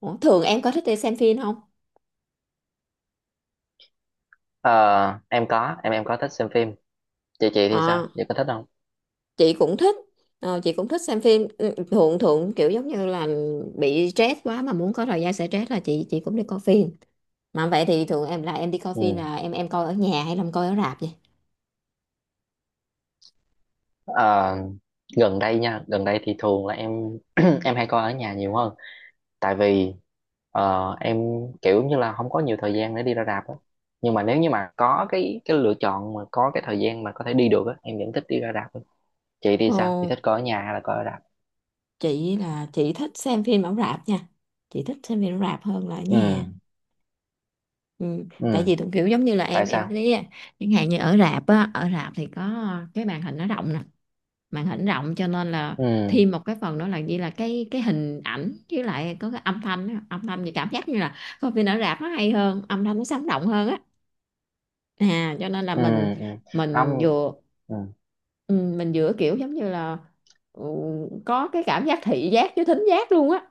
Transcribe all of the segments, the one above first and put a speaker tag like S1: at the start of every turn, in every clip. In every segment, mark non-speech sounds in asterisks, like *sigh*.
S1: Ủa, thường em có thích đi xem phim không?
S2: Ờ, em có thích xem phim. Chị thì sao,
S1: Ờ,
S2: chị có thích không?
S1: chị cũng thích. Ờ, chị cũng thích xem phim. Ừ, thường thường kiểu giống như là bị stress quá mà muốn có thời gian sẽ stress là chị cũng đi coi phim. Mà vậy thì thường em là em đi coi phim
S2: Ừ.
S1: là em coi ở nhà hay là em coi ở rạp vậy?
S2: Ờ, gần đây thì thường là *clears throat* em hay coi ở nhà nhiều hơn, tại vì em kiểu như là không có nhiều thời gian để đi ra rạp á. Nhưng mà nếu như mà có cái lựa chọn mà có cái thời gian mà có thể đi được á, em vẫn thích đi ra rạp hơn. Chị thì sao, chị
S1: Ồ,
S2: thích coi ở nhà hay là coi ở rạp?
S1: chị thích xem phim ở rạp nha. Chị thích xem phim ở rạp hơn là ở
S2: Ừ,
S1: nhà. Ừ, tại
S2: ừ.
S1: vì thường kiểu giống như là
S2: Tại
S1: em
S2: sao?
S1: thấy á, chẳng hạn như ở rạp á, ở rạp thì có cái màn hình nó rộng nè, màn hình rộng cho nên là
S2: Ừ,
S1: thêm một cái phần nữa là gì, là cái hình ảnh với lại có cái âm thanh á. Âm thanh thì cảm giác như là coi phim ở rạp nó hay hơn, âm thanh nó sống động hơn á, à cho nên là
S2: ừ,
S1: mình
S2: ừ.
S1: mình
S2: Không.
S1: vừa
S2: Ừ,
S1: ừ, mình vừa kiểu giống như là ừ, có cái cảm giác thị giác với thính giác luôn á,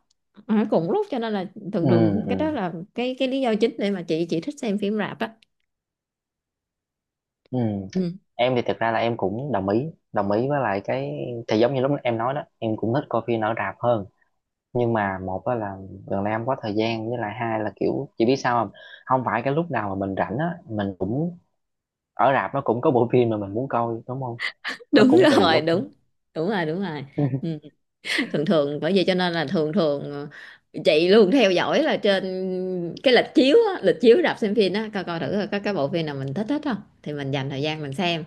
S1: ở cùng lúc cho nên là thường
S2: ừ,
S1: thường cái đó
S2: ừ.
S1: là cái lý do chính để mà chị thích xem phim rạp á.
S2: Ừ.
S1: Ừ,
S2: Em thì thực ra là em cũng đồng ý với lại cái, thì giống như lúc em nói đó, em cũng thích coi phim ở rạp hơn. Nhưng mà một á là gần đây em có thời gian, với lại hai là kiểu chị biết sao không, không phải cái lúc nào mà mình rảnh á mình cũng ở rạp nó cũng có bộ phim mà mình muốn coi, đúng không? Nó
S1: đúng
S2: cũng tùy
S1: rồi.
S2: lúc.
S1: Đúng, đúng rồi, đúng rồi. Ừ,
S2: *laughs*
S1: thường thường bởi vậy cho nên là thường thường chị luôn theo dõi là trên cái lịch chiếu á, lịch chiếu rạp xem phim á, coi coi thử coi có cái bộ phim nào mình thích hết không thì mình dành thời gian mình xem.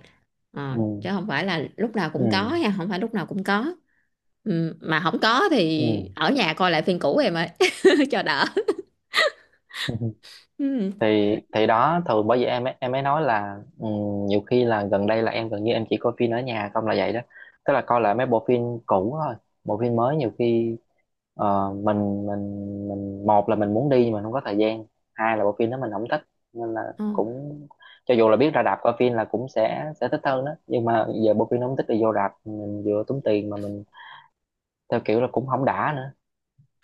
S1: Ờ, chứ
S2: Ừ,
S1: không phải là lúc nào
S2: ừ,
S1: cũng có nha, không phải lúc nào cũng có. Ừ, mà không có
S2: ừ.
S1: thì ở nhà coi lại phim cũ em ơi *laughs* cho đỡ.
S2: *laughs*
S1: Ừ.
S2: Thì đó, thường bởi vì em ấy nói là, nhiều khi là gần đây là em gần như em chỉ coi phim ở nhà không, là vậy đó. Tức là coi lại mấy bộ phim cũ thôi. Bộ phim mới nhiều khi ờ, mình mình mình một là mình muốn đi nhưng mà không có thời gian, hai là bộ phim đó mình không thích, nên là
S1: Ờ,
S2: cũng, cho dù là biết ra rạp coi phim là cũng sẽ thích hơn đó, nhưng mà giờ bộ phim nó không thích thì vô rạp mình vừa tốn tiền mà mình theo kiểu là cũng không đã nữa.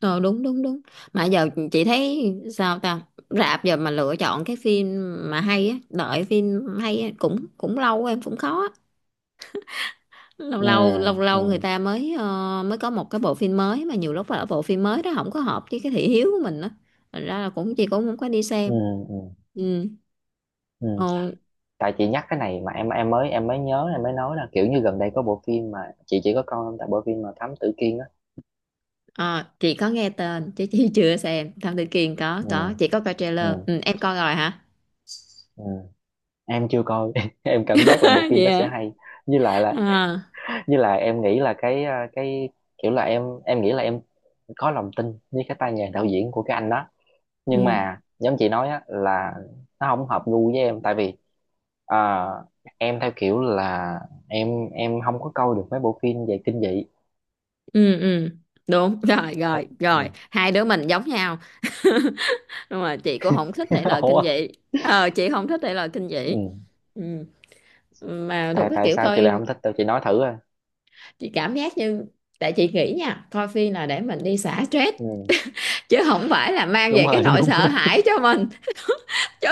S1: ờ, đúng đúng đúng. Mà giờ chị thấy sao ta, rạp giờ mà lựa chọn cái phim mà hay á, đợi phim hay á, cũng cũng lâu em cũng khó, lâu
S2: Ừ,
S1: lâu lâu
S2: ừ,
S1: lâu người ta mới mới có một cái bộ phim mới, mà nhiều lúc là bộ phim mới đó không có hợp với cái thị hiếu của mình á, thành ra là cũng chị cũng không có đi
S2: ừ,
S1: xem.
S2: ừ,
S1: Ừ.
S2: ừ.
S1: Ồ,
S2: Tại chị nhắc cái này mà em mới nhớ, em mới nói là kiểu như gần đây có bộ phim mà chị chỉ có coi không, tại bộ phim mà Thám Tử Kiên á.
S1: à, chị có nghe tên chứ chị chưa xem Thám Tử Kiên,
S2: Ừ,
S1: có chị có coi
S2: ừ,
S1: trailer. Ừ, em coi rồi hả?
S2: ừ. Em chưa coi. *laughs* Em cảm giác là bộ
S1: *laughs*
S2: phim
S1: Vậy
S2: đó sẽ
S1: hả?
S2: hay, như lại là,
S1: À.
S2: như là em nghĩ là cái kiểu là em nghĩ là em có lòng tin với cái tay nghề đạo diễn của cái anh đó. Nhưng
S1: Ừ
S2: mà giống chị nói á là nó không hợp gu với em, tại vì à, em theo kiểu là em không có coi được mấy bộ phim về kinh dị.
S1: ừ ừ, đúng rồi
S2: Thế-
S1: rồi
S2: ừ.
S1: rồi, hai đứa mình giống nhau, nhưng mà chị cũng không thích thể
S2: *laughs*
S1: loại kinh
S2: Ủa?
S1: dị. Ờ, chị không thích thể loại kinh
S2: Ừ.
S1: dị. Ừ. Mà thuộc
S2: tại
S1: cái
S2: tại
S1: kiểu
S2: sao chị lại
S1: coi,
S2: không thích tôi, chị nói thử à?
S1: chị cảm giác như, tại chị nghĩ nha, coi phim là để mình đi xả stress
S2: Ừ.
S1: chứ không phải là mang
S2: Đúng
S1: về cái
S2: rồi. *laughs* Đúng
S1: nỗi sợ
S2: rồi,
S1: hãi cho mình chứ.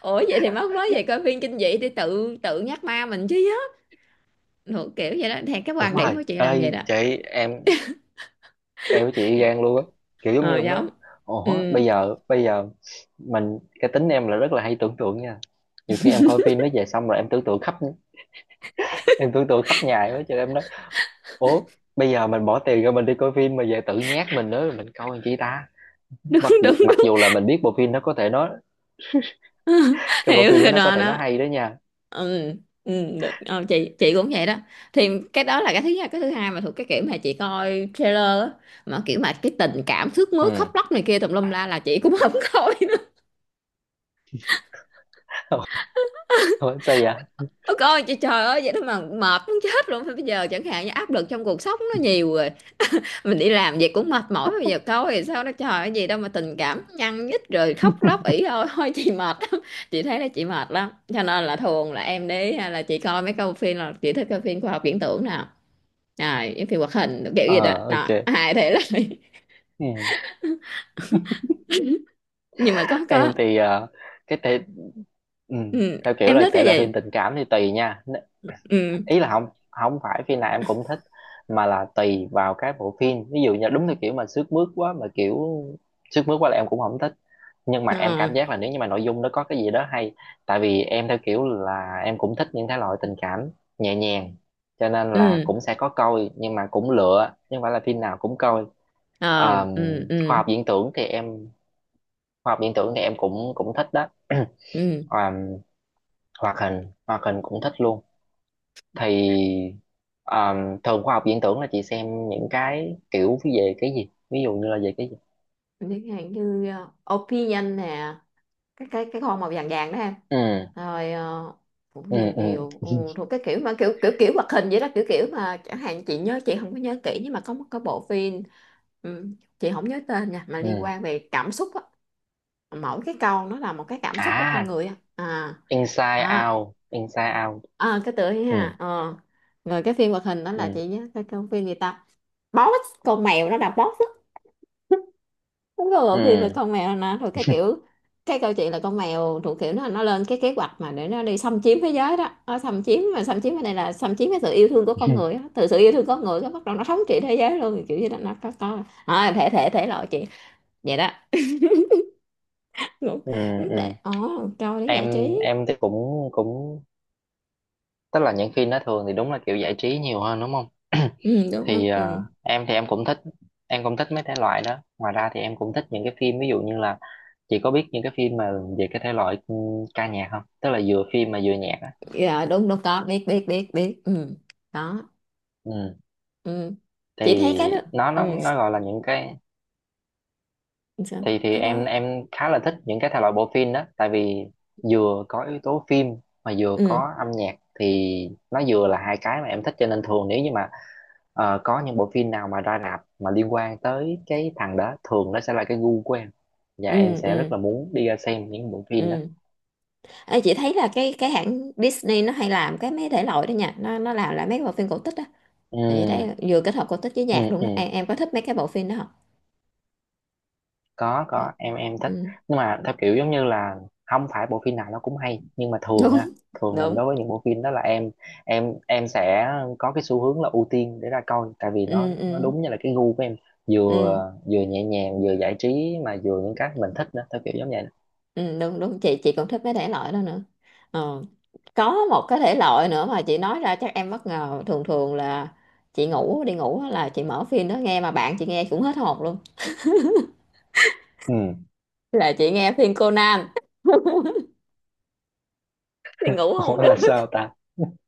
S1: Ủa vậy thì mắc mới về coi phim kinh dị thì tự tự nhắc ma mình chứ á. Thuộc kiểu vậy đó, theo cái
S2: đúng
S1: quan điểm
S2: rồi
S1: của chị là vậy
S2: ơi
S1: đó.
S2: chị. Em em với chị gan luôn á, kiểu giống như
S1: Ờ
S2: lúc đó.
S1: giống.
S2: Ủa,
S1: Ừ,
S2: bây giờ mình, cái tính em là rất là hay tưởng tượng nha. Nhiều khi em coi phim nó về xong rồi em tưởng tượng khắp nhà đó, cho em nói. Ủa, bây giờ mình bỏ tiền ra mình đi coi phim mà về tự nhát mình nữa, mình coi làm chi ta?
S1: đúng
S2: mặc dù
S1: đúng
S2: mặc
S1: đúng.
S2: dù là mình biết bộ phim nó có thể nói,
S1: *laughs*
S2: cái bộ
S1: Hiểu
S2: phim đó
S1: rồi,
S2: nó có
S1: đó
S2: thể nó
S1: đó.
S2: hay đó nha.
S1: Ừ ừ. Được. Ờ, chị cũng vậy đó, thì cái đó là cái thứ nhất, cái thứ hai mà thuộc cái kiểu mà chị coi trailer á, mà kiểu mà cái tình cảm thước mướt khóc
S2: Ừ.
S1: lóc này kia tùm lum la là chị cũng không *laughs* coi.
S2: *laughs* Ủa, sao vậy?
S1: Ôi coi trời, trời ơi vậy đó mà mệt muốn chết luôn, bây giờ chẳng hạn như áp lực trong cuộc sống nó nhiều rồi, mình đi làm vậy cũng mệt mỏi, bây giờ coi thì sao nó trời ơi, gì đâu mà tình cảm nhăn nhít rồi khóc lóc ỉ *laughs* ôi thôi chị mệt lắm. Chị thấy là chị mệt lắm, cho nên là thường là em đi hay là chị coi mấy câu phim, là chị thích coi phim khoa học viễn tưởng nào, rồi những phim hoạt hình kiểu
S2: Ờ,
S1: gì đó đó,
S2: ok.
S1: hài thể lại. *laughs*
S2: Ừ.
S1: Nhưng mà có có.
S2: Em thì cái thể ừ,
S1: Ừ.
S2: theo kiểu
S1: Em
S2: là
S1: thích
S2: thể
S1: cái
S2: loại phim
S1: gì?
S2: tình cảm thì tùy nha.
S1: Ừ.
S2: Ý là không không phải phim nào em cũng thích, mà là tùy vào cái bộ phim, ví dụ như đúng theo kiểu mà sướt mướt quá là em cũng không thích. Nhưng mà em
S1: Ờ.
S2: cảm giác là nếu như mà nội dung nó có cái gì đó hay, tại vì em theo kiểu là em cũng thích những thể loại tình cảm nhẹ nhàng, cho nên là
S1: Ừ.
S2: cũng sẽ có coi nhưng mà cũng lựa, nhưng phải là phim nào cũng coi.
S1: Ờ.
S2: Ờ,
S1: Ừ
S2: khoa
S1: ừ
S2: học viễn tưởng thì em khoa học viễn tưởng thì em cũng cũng thích đó. *clears throat*
S1: ừ.
S2: À, hoạt hình cũng thích luôn. Thì à, thường khoa học viễn tưởng là chị xem những cái kiểu về cái gì, ví dụ như là về cái gì?
S1: Chẳng hạn như opinion nè, cái con màu vàng vàng đó em,
S2: Ừ,
S1: rồi ờ, cũng
S2: ừ,
S1: nhiều
S2: ừ,
S1: nhiều. Ừ, thuộc cái kiểu mà kiểu kiểu kiểu hoạt hình vậy đó, kiểu kiểu mà chẳng hạn chị nhớ, chị không có nhớ kỹ nhưng mà có một cái bộ phim, ừ, chị không nhớ tên nha, mà
S2: ừ.
S1: liên quan về cảm xúc á, mỗi cái câu nó là một cái cảm xúc của con
S2: À,
S1: người á. À,
S2: Inside
S1: à,
S2: Out, Inside Out.
S1: à cái tựa ấy
S2: Ừ,
S1: ha. Ờ, rồi cái phim hoạt hình đó là
S2: ừ,
S1: chị nhớ cái phim gì ta, boss con mèo, nó là boss á. Đúng rồi, thì về
S2: ừ.
S1: con mèo nè, rồi cái kiểu cái câu chuyện là con mèo thuộc kiểu nó lên cái kế hoạch mà để nó đi xâm chiếm thế giới đó, nó xâm chiếm, mà xâm chiếm ở đây là xâm chiếm cái sự yêu thương của con người
S2: *laughs*
S1: á. Từ sự yêu thương con người cái bắt đầu nó thống trị thế giới luôn, kiểu như là nó có à, thể thể thể loại chuyện vậy đó. Đúng.
S2: Ừ,
S1: Để
S2: ừ.
S1: ồ câu để giải trí.
S2: Em thì cũng cũng, tức là những phim đó thường thì đúng là kiểu giải trí nhiều hơn đúng không? *clears throat*
S1: Ừ, đúng đúng.
S2: thì à,
S1: Ừ.
S2: em thì em cũng thích mấy thể loại đó, ngoài ra thì em cũng thích những cái phim, ví dụ như là chị có biết những cái phim mà về cái thể loại ca nhạc không, tức là vừa phim mà vừa nhạc á?
S1: Dạ đúng đúng, có biết biết biết biết. Ừ. Đó.
S2: Ừ.
S1: Ừ.
S2: Thì
S1: Chị thấy cái đó.
S2: nó
S1: Ừ.
S2: nó nó gọi là những cái.
S1: Sao-
S2: Thì
S1: cái
S2: em
S1: đó.
S2: em khá là thích những cái thể loại bộ phim đó, tại vì vừa có yếu tố phim mà vừa
S1: Ừ.
S2: có âm nhạc, thì nó vừa là hai cái mà em thích, cho nên thường nếu như mà có những bộ phim nào mà ra rạp mà liên quan tới cái thằng đó, thường nó sẽ là cái gu của em. Và em
S1: Ừ.
S2: sẽ
S1: Ừ.
S2: rất là muốn đi ra xem những bộ phim đó.
S1: Ừ. Ê, chị thấy là cái hãng Disney nó hay làm cái mấy thể loại đó nha, nó làm lại mấy bộ phim cổ tích á, thì chị thấy
S2: Ừ,
S1: vừa kết hợp cổ tích với
S2: ừ,
S1: nhạc luôn
S2: ừ.
S1: đó, em có thích mấy cái bộ phim đó không?
S2: có
S1: Có.
S2: có em thích.
S1: Ừ.
S2: Nhưng mà theo kiểu giống như là không phải bộ phim nào nó cũng hay, nhưng mà thường á,
S1: Đúng *laughs*
S2: thường là
S1: đúng.
S2: đối với những bộ phim đó là em sẽ có cái xu hướng là ưu tiên để ra coi, tại vì nó
S1: Ừ,
S2: nó
S1: ừ,
S2: đúng như là cái gu của em.
S1: ừ,
S2: Vừa vừa nhẹ nhàng vừa giải trí mà vừa những cái mình thích nữa, theo kiểu giống vậy đó.
S1: ừ, đúng đúng, chị còn thích mấy thể loại đó nữa. Ờ. Có một cái thể loại nữa mà chị nói ra chắc em bất ngờ, thường thường là chị ngủ đi ngủ á là chị mở phim đó nghe, mà bạn chị nghe cũng hết hồn luôn,
S2: Ừ.
S1: là chị nghe phim Conan. *laughs* Thì ngủ không
S2: Ủa,
S1: được
S2: là sao ta?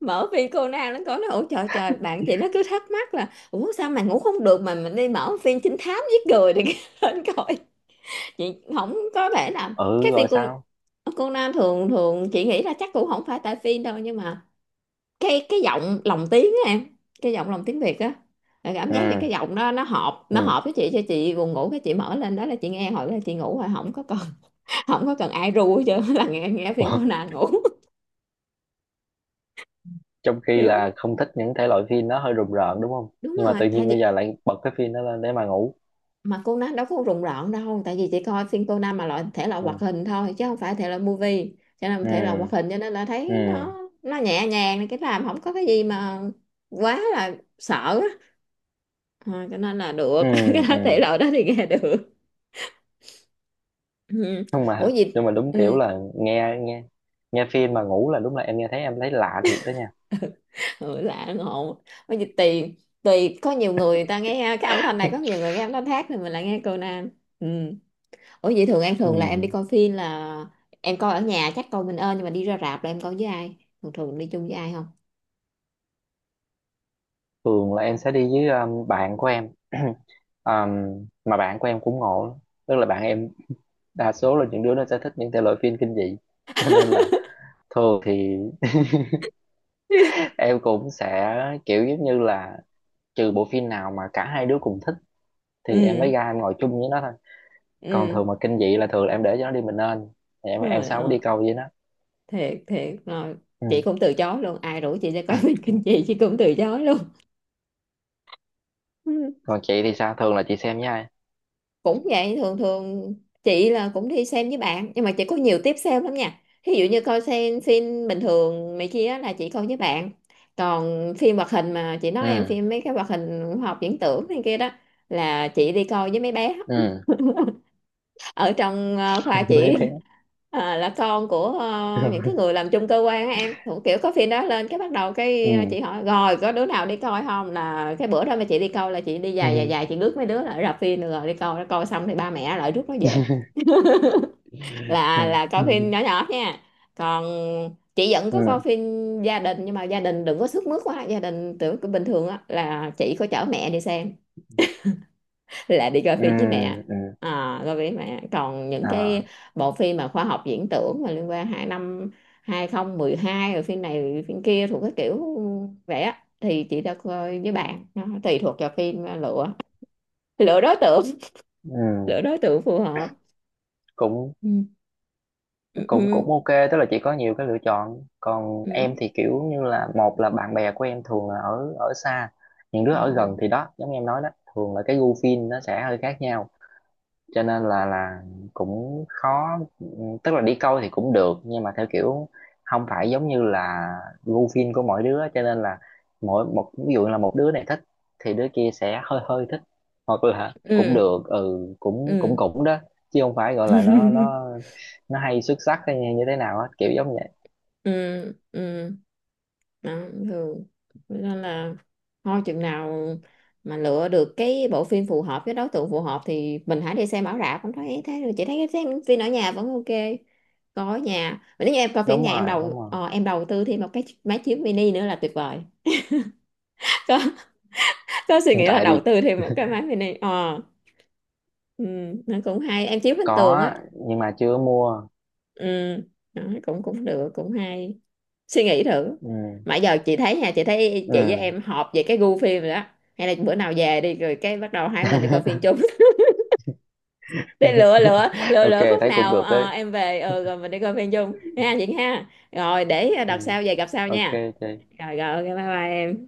S1: mở phim cô nào nó có nó, ủa trời trời bạn chị nó cứ thắc mắc là ủa sao mà ngủ không được mà mình đi mở phim trinh thám giết người thì *laughs* lên coi. Chị không có thể là
S2: Ừ,
S1: các phim
S2: rồi
S1: cô
S2: sao?
S1: cô Nam, thường thường chị nghĩ là chắc cũng không phải tại phim đâu, nhưng mà cái giọng lồng tiếng á em, cái giọng lồng tiếng Việt á, là cảm
S2: Ừ,
S1: giác như cái giọng đó nó hợp
S2: ừ.
S1: nó hợp với chị, cho chị buồn ngủ, cái chị mở lên đó là chị nghe, hồi đó là chị ngủ rồi không có cần *laughs* không có cần ai ru, chứ là nghe nghe phim
S2: Ủa,
S1: Conan ngủ. *laughs*
S2: trong khi
S1: Kiểu
S2: là không thích những thể loại phim nó hơi rùng rợn đúng không?
S1: đúng
S2: Nhưng mà
S1: rồi,
S2: tự
S1: tại
S2: nhiên bây
S1: vì
S2: giờ lại bật cái phim đó lên để mà ngủ?
S1: mà cô Nam đâu có rùng rợn đâu, tại vì chị coi phim cô Nam mà loại thể loại
S2: Ừ,
S1: hoạt hình thôi chứ không phải thể loại movie, cho nên
S2: ừ,
S1: thể loại hoạt hình, cho nên là thấy
S2: ừ,
S1: nó nhẹ nhàng, cái làm không có cái gì mà quá là sợ á. Ờ, cho nên là được
S2: ừ,
S1: *laughs* cái
S2: ừ.
S1: đó, thể loại đó thì nghe được. Ừ.
S2: Không,
S1: Ủa
S2: mà
S1: gì.
S2: nhưng mà đúng
S1: Ừ.
S2: kiểu là nghe nghe nghe phim mà ngủ là, đúng là em nghe thấy em thấy lạ thiệt đó nha.
S1: Ừ, lạ ngộ, ủa gì tùy, tùy có nhiều người, người ta nghe cái âm thanh này, có
S2: *laughs*
S1: nhiều người nghe âm thanh khác, thì mình lại nghe cô Nam. Ừ. Ủa vậy thường em
S2: Ừ.
S1: thường là em đi coi phim là em coi ở nhà chắc coi mình ơn, nhưng mà đi ra rạp là em coi với ai? Thường thường đi chung với ai không?
S2: Thường là em sẽ đi với bạn của em. *clears throat* Mà bạn của em cũng ngộ lắm. Tức là bạn em đa số là những đứa nó sẽ thích những thể loại phim kinh dị. *laughs* Cho nên là thường thì
S1: *laughs*
S2: *laughs* em cũng sẽ, kiểu giống như là, trừ bộ phim nào mà cả hai đứa cùng thích thì em
S1: Ừ,
S2: mới ra em ngồi chung với nó thôi. Còn
S1: ừ,
S2: thường mà kinh dị là thường là em để cho nó đi mình nên, thì em
S1: rồi
S2: sao mới đi
S1: ờ,
S2: câu với nó.
S1: thiệt thiệt rồi,
S2: Ừ.
S1: chị cũng từ chối luôn, ai rủ chị ra coi *laughs* phim kinh dị chị cũng từ chối luôn.
S2: Còn chị thì sao, thường là chị xem với ai?
S1: Cũng vậy, thường thường chị là cũng đi xem với bạn, nhưng mà chị có nhiều tiếp xem lắm nha, ví dụ như coi xem phim bình thường này kia á là chị coi với bạn, còn phim hoạt hình mà chị nói em,
S2: Ừ,
S1: phim mấy cái hoạt hình khoa học viễn tưởng này kia đó là chị đi coi với mấy bé
S2: ừ.
S1: *laughs* ở trong khoa
S2: *laughs* Mấy
S1: chị,
S2: bé.
S1: ờ, là con của ờ, những cái
S2: *laughs*
S1: người làm chung cơ quan á em, cũng kiểu có phim đó lên cái bắt đầu
S2: Ừ,
S1: cái chị hỏi rồi có đứa nào đi coi không, là cái bữa đó mà chị đi coi là chị đi dài dài
S2: ừ.
S1: dài, chị rước mấy đứa lại rạp phim được rồi đi coi, nó coi xong thì ba mẹ lại rước nó về,
S2: *laughs* Ừ,
S1: là
S2: ừ,
S1: coi phim nhỏ nhỏ nha. Còn chị vẫn có coi
S2: ừ,
S1: phim gia đình, nhưng mà gia đình đừng có sức mướt quá, gia đình tưởng bình thường á là chị có chở mẹ đi xem, là đi coi
S2: ừ,
S1: phim với mẹ.
S2: ừ.
S1: À, coi phim với mẹ, còn những cái
S2: À,
S1: bộ phim mà khoa học viễn tưởng mà liên quan năm 2012, rồi phim này rồi phim kia thuộc cái kiểu vậy á thì chị đã coi với bạn, nó tùy thuộc vào phim mà lựa, lựa đối tượng,
S2: ừ,
S1: lựa đối tượng phù hợp.
S2: cũng
S1: Ừ ừ
S2: cũng
S1: ừ
S2: cũng ok. Tức là chị có nhiều cái lựa chọn, còn em
S1: ừ.
S2: thì kiểu như là một là bạn bè của em thường là ở ở xa. Những đứa
S1: Ồ.
S2: ở gần thì đó, giống như em nói đó, thường là cái gu phim nó sẽ hơi khác nhau, cho nên là cũng khó. Tức là đi câu thì cũng được, nhưng mà theo kiểu không phải giống như là gu phim của mỗi đứa, cho nên là mỗi một, ví dụ là một đứa này thích thì đứa kia sẽ hơi hơi thích, hoặc là cũng
S1: Ừ
S2: được, ừ, cũng cũng
S1: ừ.
S2: cũng đó. Chứ không phải gọi là nó nó
S1: *laughs*
S2: nó hay xuất sắc hay như thế nào á, kiểu giống vậy.
S1: Ừ ừ. Đó. Thường. Thế nên là thôi chừng nào mà lựa được cái bộ phim phù hợp với đối tượng phù hợp thì mình hãy đi xem ở rạp, không thấy thế rồi chị thấy xem phim ở nhà vẫn ok, coi ở nhà. Mà nếu như em coi phim ở
S2: Đúng
S1: nhà, em
S2: rồi,
S1: đầu
S2: đúng rồi.
S1: em đầu tư thêm một cái máy chiếu mini nữa là tuyệt vời. *laughs* có có suy
S2: *laughs* Hiện
S1: nghĩ là
S2: tại
S1: đầu
S2: thì
S1: tư thêm một cái máy mini ờ. Ừ, nó cũng hay, em chiếu lên tường
S2: có
S1: á.
S2: nhưng mà chưa mua.
S1: Ừ, đó, cũng cũng được, cũng hay, suy nghĩ thử.
S2: Ừ,
S1: Mà giờ chị thấy nha, chị thấy
S2: ừ.
S1: chị với em họp về cái gu phim rồi đó, hay là bữa nào về đi rồi cái bắt đầu hai mình đi coi phim
S2: *laughs*
S1: chung. *laughs* Để lựa lựa lựa
S2: Ok,
S1: lựa khúc
S2: thấy cũng
S1: nào
S2: được đấy.
S1: em về rồi mình đi coi phim chung ha chị ha. Rồi để
S2: Ừ.
S1: đợt sau về gặp sau
S2: Ok,
S1: nha.
S2: chị.
S1: Rồi rồi ok bye bye em.